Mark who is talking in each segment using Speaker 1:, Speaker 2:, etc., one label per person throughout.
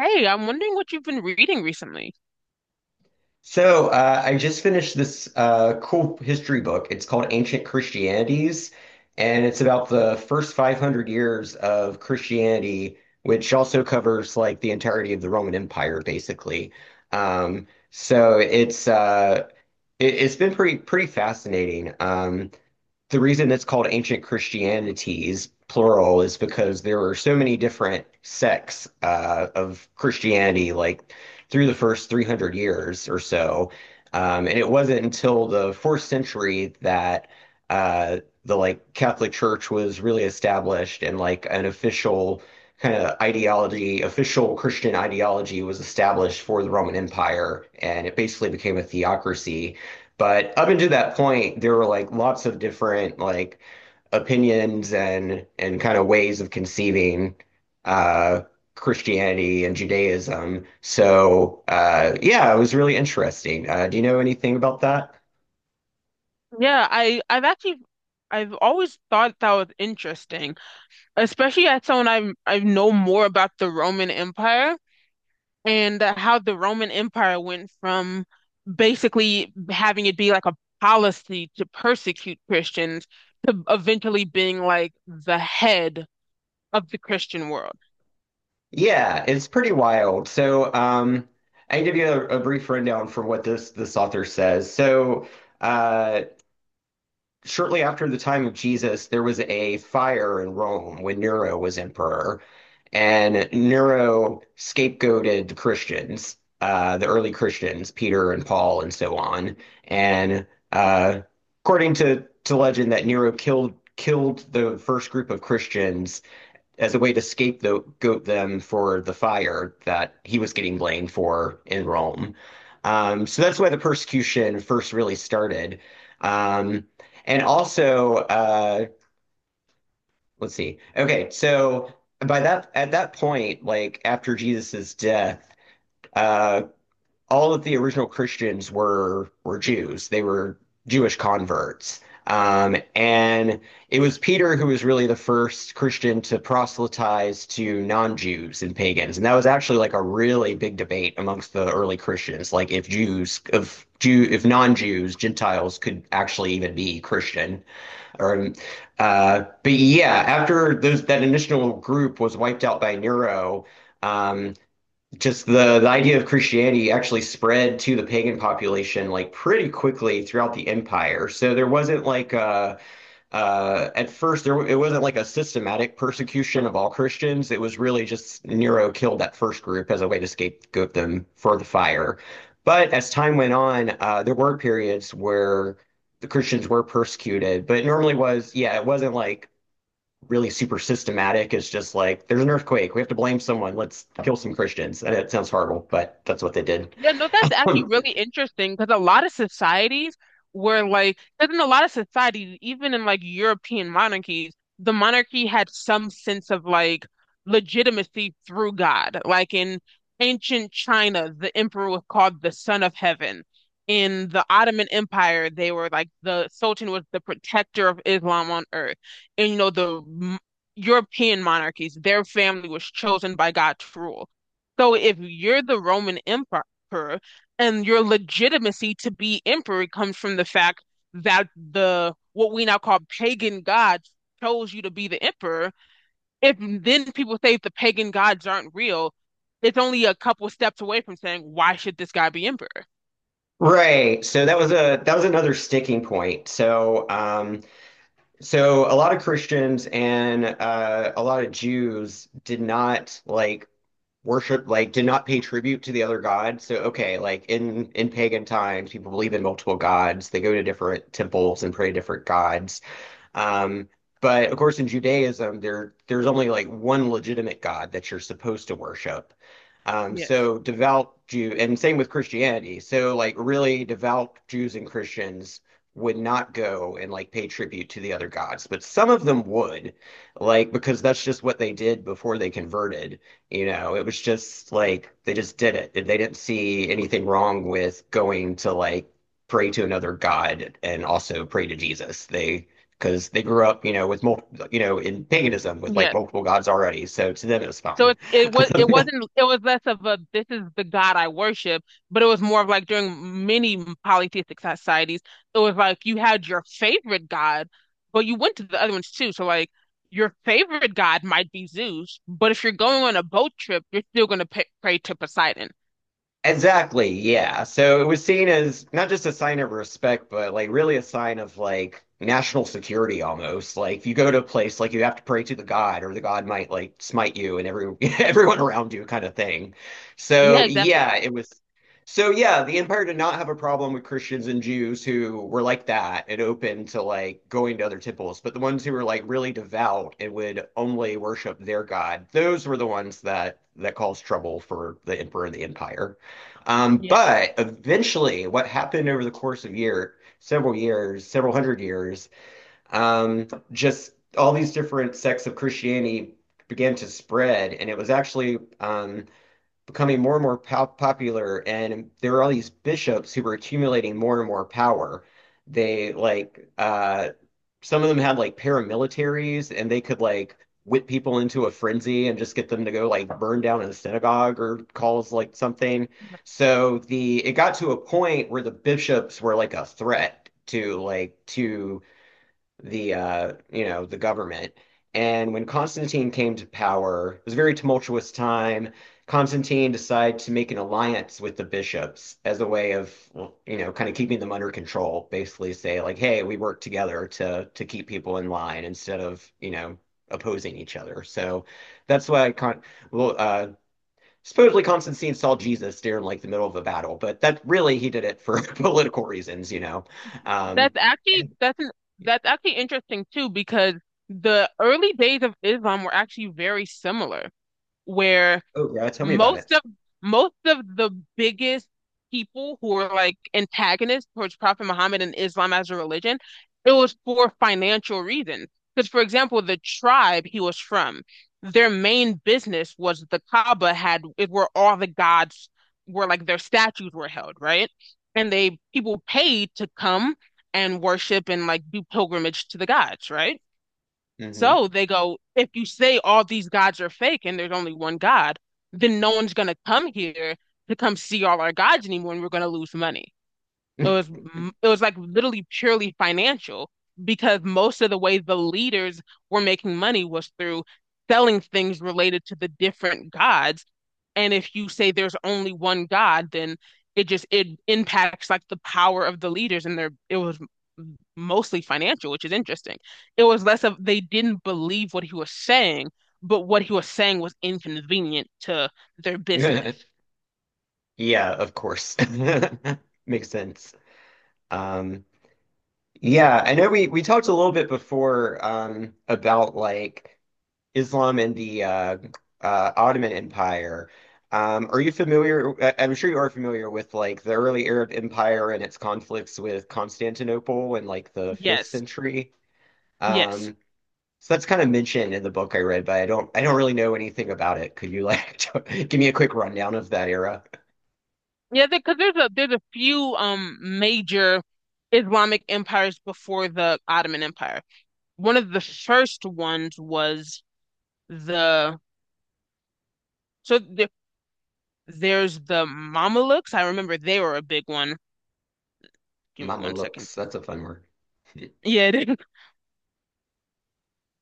Speaker 1: Hey, I'm wondering what you've been reading recently.
Speaker 2: So, I just finished this cool history book. It's called Ancient Christianities, and it's about the first 500 years of Christianity, which also covers like the entirety of the Roman Empire, basically. Um, so it's uh, it's been pretty fascinating. The reason it's called ancient Christianities, plural, is because there were so many different sects of Christianity, like through the first 300 years or so. And it wasn't until the fourth century that uh, the like Catholic Church was really established and like an official kind of ideology, official Christian ideology was established for the Roman Empire, and it basically became a theocracy. But up until that point, there were like lots of different like opinions and kind of ways of conceiving uh Christianity and Judaism. So yeah, it was really interesting. Do you know anything about that?
Speaker 1: Yeah, I I've actually I've always thought that was interesting, especially as someone, I know more about the Roman Empire and how the Roman Empire went from basically having it be like a policy to persecute Christians to eventually being like the head of the Christian world.
Speaker 2: Yeah, it's pretty wild. So, I can give you a brief rundown from what this author says. So, uh, shortly after the time of Jesus, there was a fire in Rome when Nero was emperor, and Nero scapegoated the Christians, the early Christians, Peter and Paul and so on. And uh, according to legend, that Nero killed the first group of Christians as a way to scapegoat them for the fire that he was getting blamed for in Rome. So that's why the persecution first really started. Um, and also, uh, let's see. Okay, so by that at that point, like after Jesus's death, uh, all of the original Christians were Jews. They were Jewish converts. And it was Peter who was really the first Christian to proselytize to non-Jews and pagans. And that was actually like a really big debate amongst the early Christians, like if Jews, if Jew, if non-Jews, Gentiles could actually even be Christian. Or, but yeah, after that initial group was wiped out by Nero, um, just the idea of Christianity actually spread to the pagan population like pretty quickly throughout the empire. So there wasn't like a, at first there it wasn't like a systematic persecution of all Christians. It was really just Nero killed that first group as a way to scapegoat them for the fire. But as time went on, there were periods where the Christians were persecuted, but it normally was, yeah, it wasn't like really super systematic. Is just like there's an earthquake. We have to blame someone. Let's kill some Christians. And it sounds horrible, but that's what they did.
Speaker 1: Yeah, no, that's actually really interesting because a lot of societies were like, because in a lot of societies, even in like European monarchies, the monarchy had some sense of like legitimacy through God. Like in ancient China, the emperor was called the son of heaven. In the Ottoman Empire, they were like the Sultan was the protector of Islam on earth. And the European monarchies, their family was chosen by God to rule. So if you're the Roman Empire emperor. And your legitimacy to be emperor comes from the fact that the what we now call pagan gods chose you to be the emperor. If then people say if the pagan gods aren't real, it's only a couple steps away from saying, why should this guy be emperor?
Speaker 2: Right. So that was a that was another sticking point. So a lot of Christians and a lot of Jews did not like worship, like did not pay tribute to the other god. So okay, like in pagan times, people believe in multiple gods, they go to different temples and pray to different gods. Um, But of course, in Judaism, there's only like one legitimate God that you're supposed to worship.
Speaker 1: Yes.
Speaker 2: So devout Jew, and same with Christianity. So like really devout Jews and Christians would not go and like pay tribute to the other gods, but some of them would, like because that's just what they did before they converted. You know, it was just like they just did it. They didn't see anything wrong with going to like pray to another god and also pray to Jesus. They, because they grew up, you know, with multiple, you know, in paganism with like
Speaker 1: Yes.
Speaker 2: multiple gods already. So to them, it was
Speaker 1: So
Speaker 2: fine.
Speaker 1: it was, it wasn't, it was less of a this is the God I worship, but it was more of like during many polytheistic societies, it was like you had your favorite God, but you went to the other ones too. So like your favorite God might be Zeus, but if you're going on a boat trip, you're still going to pray to Poseidon.
Speaker 2: Exactly, yeah. So it was seen as not just a sign of respect, but like really a sign of like national security almost. Like if you go to a place, like you have to pray to the god, or the god might like smite you and every everyone around you kind of thing. So
Speaker 1: Yeah,
Speaker 2: yeah,
Speaker 1: exactly.
Speaker 2: it was. So yeah, the empire did not have a problem with Christians and Jews who were like that and open to like going to other temples, but the ones who were like really devout and would only worship their god, those were the ones that caused trouble for the emperor and the empire.
Speaker 1: Yes.
Speaker 2: But eventually, what happened over the course of year, several years, several hundred years, just all these different sects of Christianity began to spread, and it was actually becoming more and more po popular. And there were all these bishops who were accumulating more and more power. They like Some of them had like paramilitaries and they could like whip people into a frenzy and just get them to go like burn down a synagogue or cause like something. So the it got to a point where the bishops were like a threat to like to the you know, the government. And when Constantine came to power, it was a very tumultuous time. Constantine decided to make an alliance with the bishops as a way of, you know, kind of keeping them under control. Basically, say like, "Hey, we work together to keep people in line instead of, you know, opposing each other." So that's why Con well, supposedly Constantine saw Jesus during like the middle of a battle, but that really he did it for political reasons, you know. Um,
Speaker 1: That's actually
Speaker 2: and
Speaker 1: that's an, that's actually interesting too because the early days of Islam were actually very similar, where
Speaker 2: Oh yeah, tell me about
Speaker 1: most
Speaker 2: it.
Speaker 1: of most of the biggest people who were like antagonists towards Prophet Muhammad and Islam as a religion, it was for financial reasons. Because, for example, the tribe he was from, their main business was the Kaaba had it where all the gods were like their statues were held, right? And they people paid to come and worship and like do pilgrimage to the gods, right?
Speaker 2: Hmm.
Speaker 1: So they go, if you say all these gods are fake and there's only one God, then no one's going to come here to come see all our gods anymore and we're going to lose money. It was it was like literally purely financial because most of the way the leaders were making money was through selling things related to the different gods, and if you say there's only one God, then it impacts like the power of the leaders and their it was mostly financial, which is interesting. It was less of they didn't believe what he was saying, but what he was saying was inconvenient to their business.
Speaker 2: Yeah, of course. Makes sense. Um, yeah, I know we talked a little bit before about like Islam and the Ottoman Empire. Are you familiar? I'm sure you are familiar with like the early Arab Empire and its conflicts with Constantinople in like the fifth
Speaker 1: Yes.
Speaker 2: century.
Speaker 1: Yes.
Speaker 2: Um, so that's kind of mentioned in the book I read, but I don't really know anything about it. Could you like give me a quick rundown of that era?
Speaker 1: Yeah, because there's a few major Islamic empires before the Ottoman Empire. One of the first ones was the, so the, there's the Mamelukes. I remember they were a big one. Give me
Speaker 2: Mama
Speaker 1: one second.
Speaker 2: looks. That's a fun word.
Speaker 1: Yeah, it is.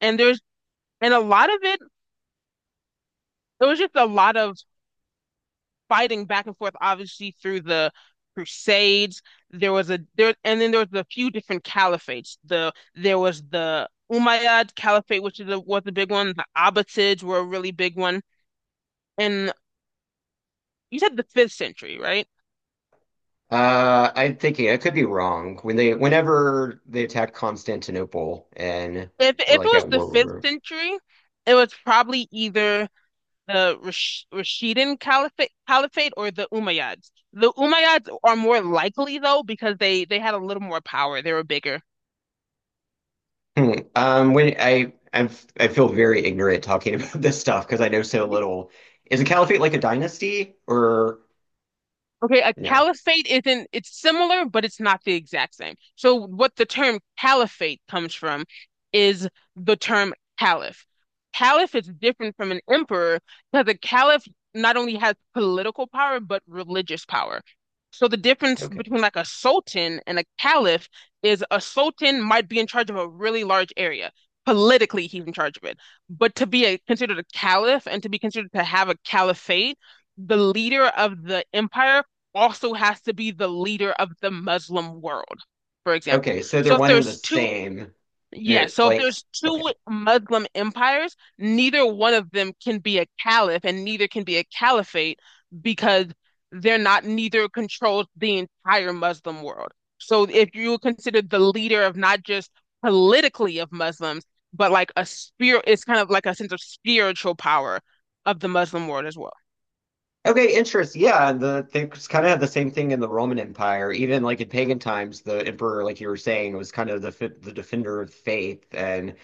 Speaker 1: And there's and a lot of it, There was just a lot of fighting back and forth, obviously through the Crusades. There was a there And then there was a few different caliphates. There was the Umayyad Caliphate, which was a big one. The Abbasids were a really big one. And you said the fifth century, right?
Speaker 2: I'm thinking I could be wrong. Whenever they attacked Constantinople and
Speaker 1: If
Speaker 2: we're
Speaker 1: it
Speaker 2: like
Speaker 1: was
Speaker 2: at
Speaker 1: the
Speaker 2: war,
Speaker 1: fifth century, it was probably either the Rashidun Caliphate or the Umayyads. The Umayyads are more likely though because they had a little more power. They were bigger.
Speaker 2: Hmm. I'm, I feel very ignorant talking about this stuff because I know so little. Is a caliphate like a dynasty or
Speaker 1: Okay, a
Speaker 2: no?
Speaker 1: caliphate isn't, it's similar, but it's not the exact same. So, what the term caliphate comes from is the term caliph. Caliph is different from an emperor because a caliph not only has political power, but religious power. So, the difference
Speaker 2: Okay,
Speaker 1: between like a sultan and a caliph is a sultan might be in charge of a really large area. Politically, he's in charge of it. But to be a, considered a caliph and to be considered to have a caliphate, the leader of the empire also has to be the leader of the Muslim world, for example.
Speaker 2: okay. So they're
Speaker 1: So if
Speaker 2: one and the
Speaker 1: there's two,
Speaker 2: same.
Speaker 1: yeah,
Speaker 2: They're
Speaker 1: so if
Speaker 2: like
Speaker 1: there's two
Speaker 2: okay.
Speaker 1: Muslim empires, neither one of them can be a caliph and neither can be a caliphate because they're not, neither controls the entire Muslim world. So if you consider the leader of not just politically of Muslims, but like a spirit, it's kind of like a sense of spiritual power of the Muslim world as well.
Speaker 2: Okay, interest. Yeah, and they kind of had the same thing in the Roman Empire. Even like in pagan times, the emperor, like you were saying, was kind of the defender of faith,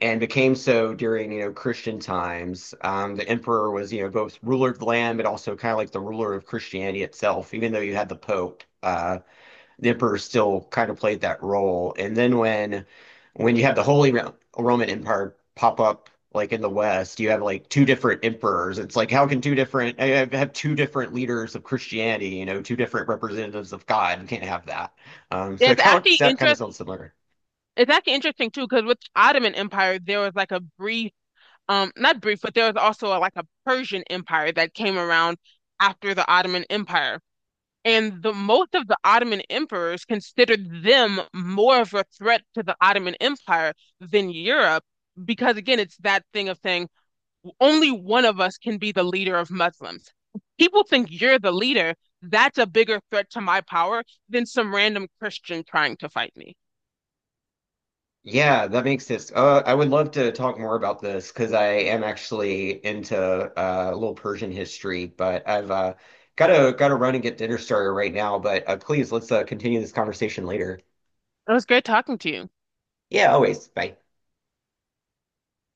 Speaker 2: and became so during, you know, Christian times. The emperor was, you know, both ruler of the land, but also kind of like the ruler of Christianity itself. Even though you had the Pope, Nipper still kind of played that role. And then when you have the Roman Empire pop up like in the West, you have like two different emperors. It's like how can two different I have two different leaders of Christianity, you know, two different representatives of God. You can't have that. So it
Speaker 1: It's
Speaker 2: kind of,
Speaker 1: actually
Speaker 2: that kind of
Speaker 1: interesting.
Speaker 2: sounds similar.
Speaker 1: It's actually interesting too, because with Ottoman Empire, there was like a brief, not brief, but there was also like a Persian Empire that came around after the Ottoman Empire. And the most of the Ottoman emperors considered them more of a threat to the Ottoman Empire than Europe, because again, it's that thing of saying only one of us can be the leader of Muslims. People think you're the leader. That's a bigger threat to my power than some random Christian trying to fight me.
Speaker 2: Yeah, that makes sense. I would love to talk more about this because I am actually into a little Persian history, but I've gotta run and get dinner started right now. But please, let's continue this conversation later.
Speaker 1: It was great talking to you.
Speaker 2: Yeah, always. Bye.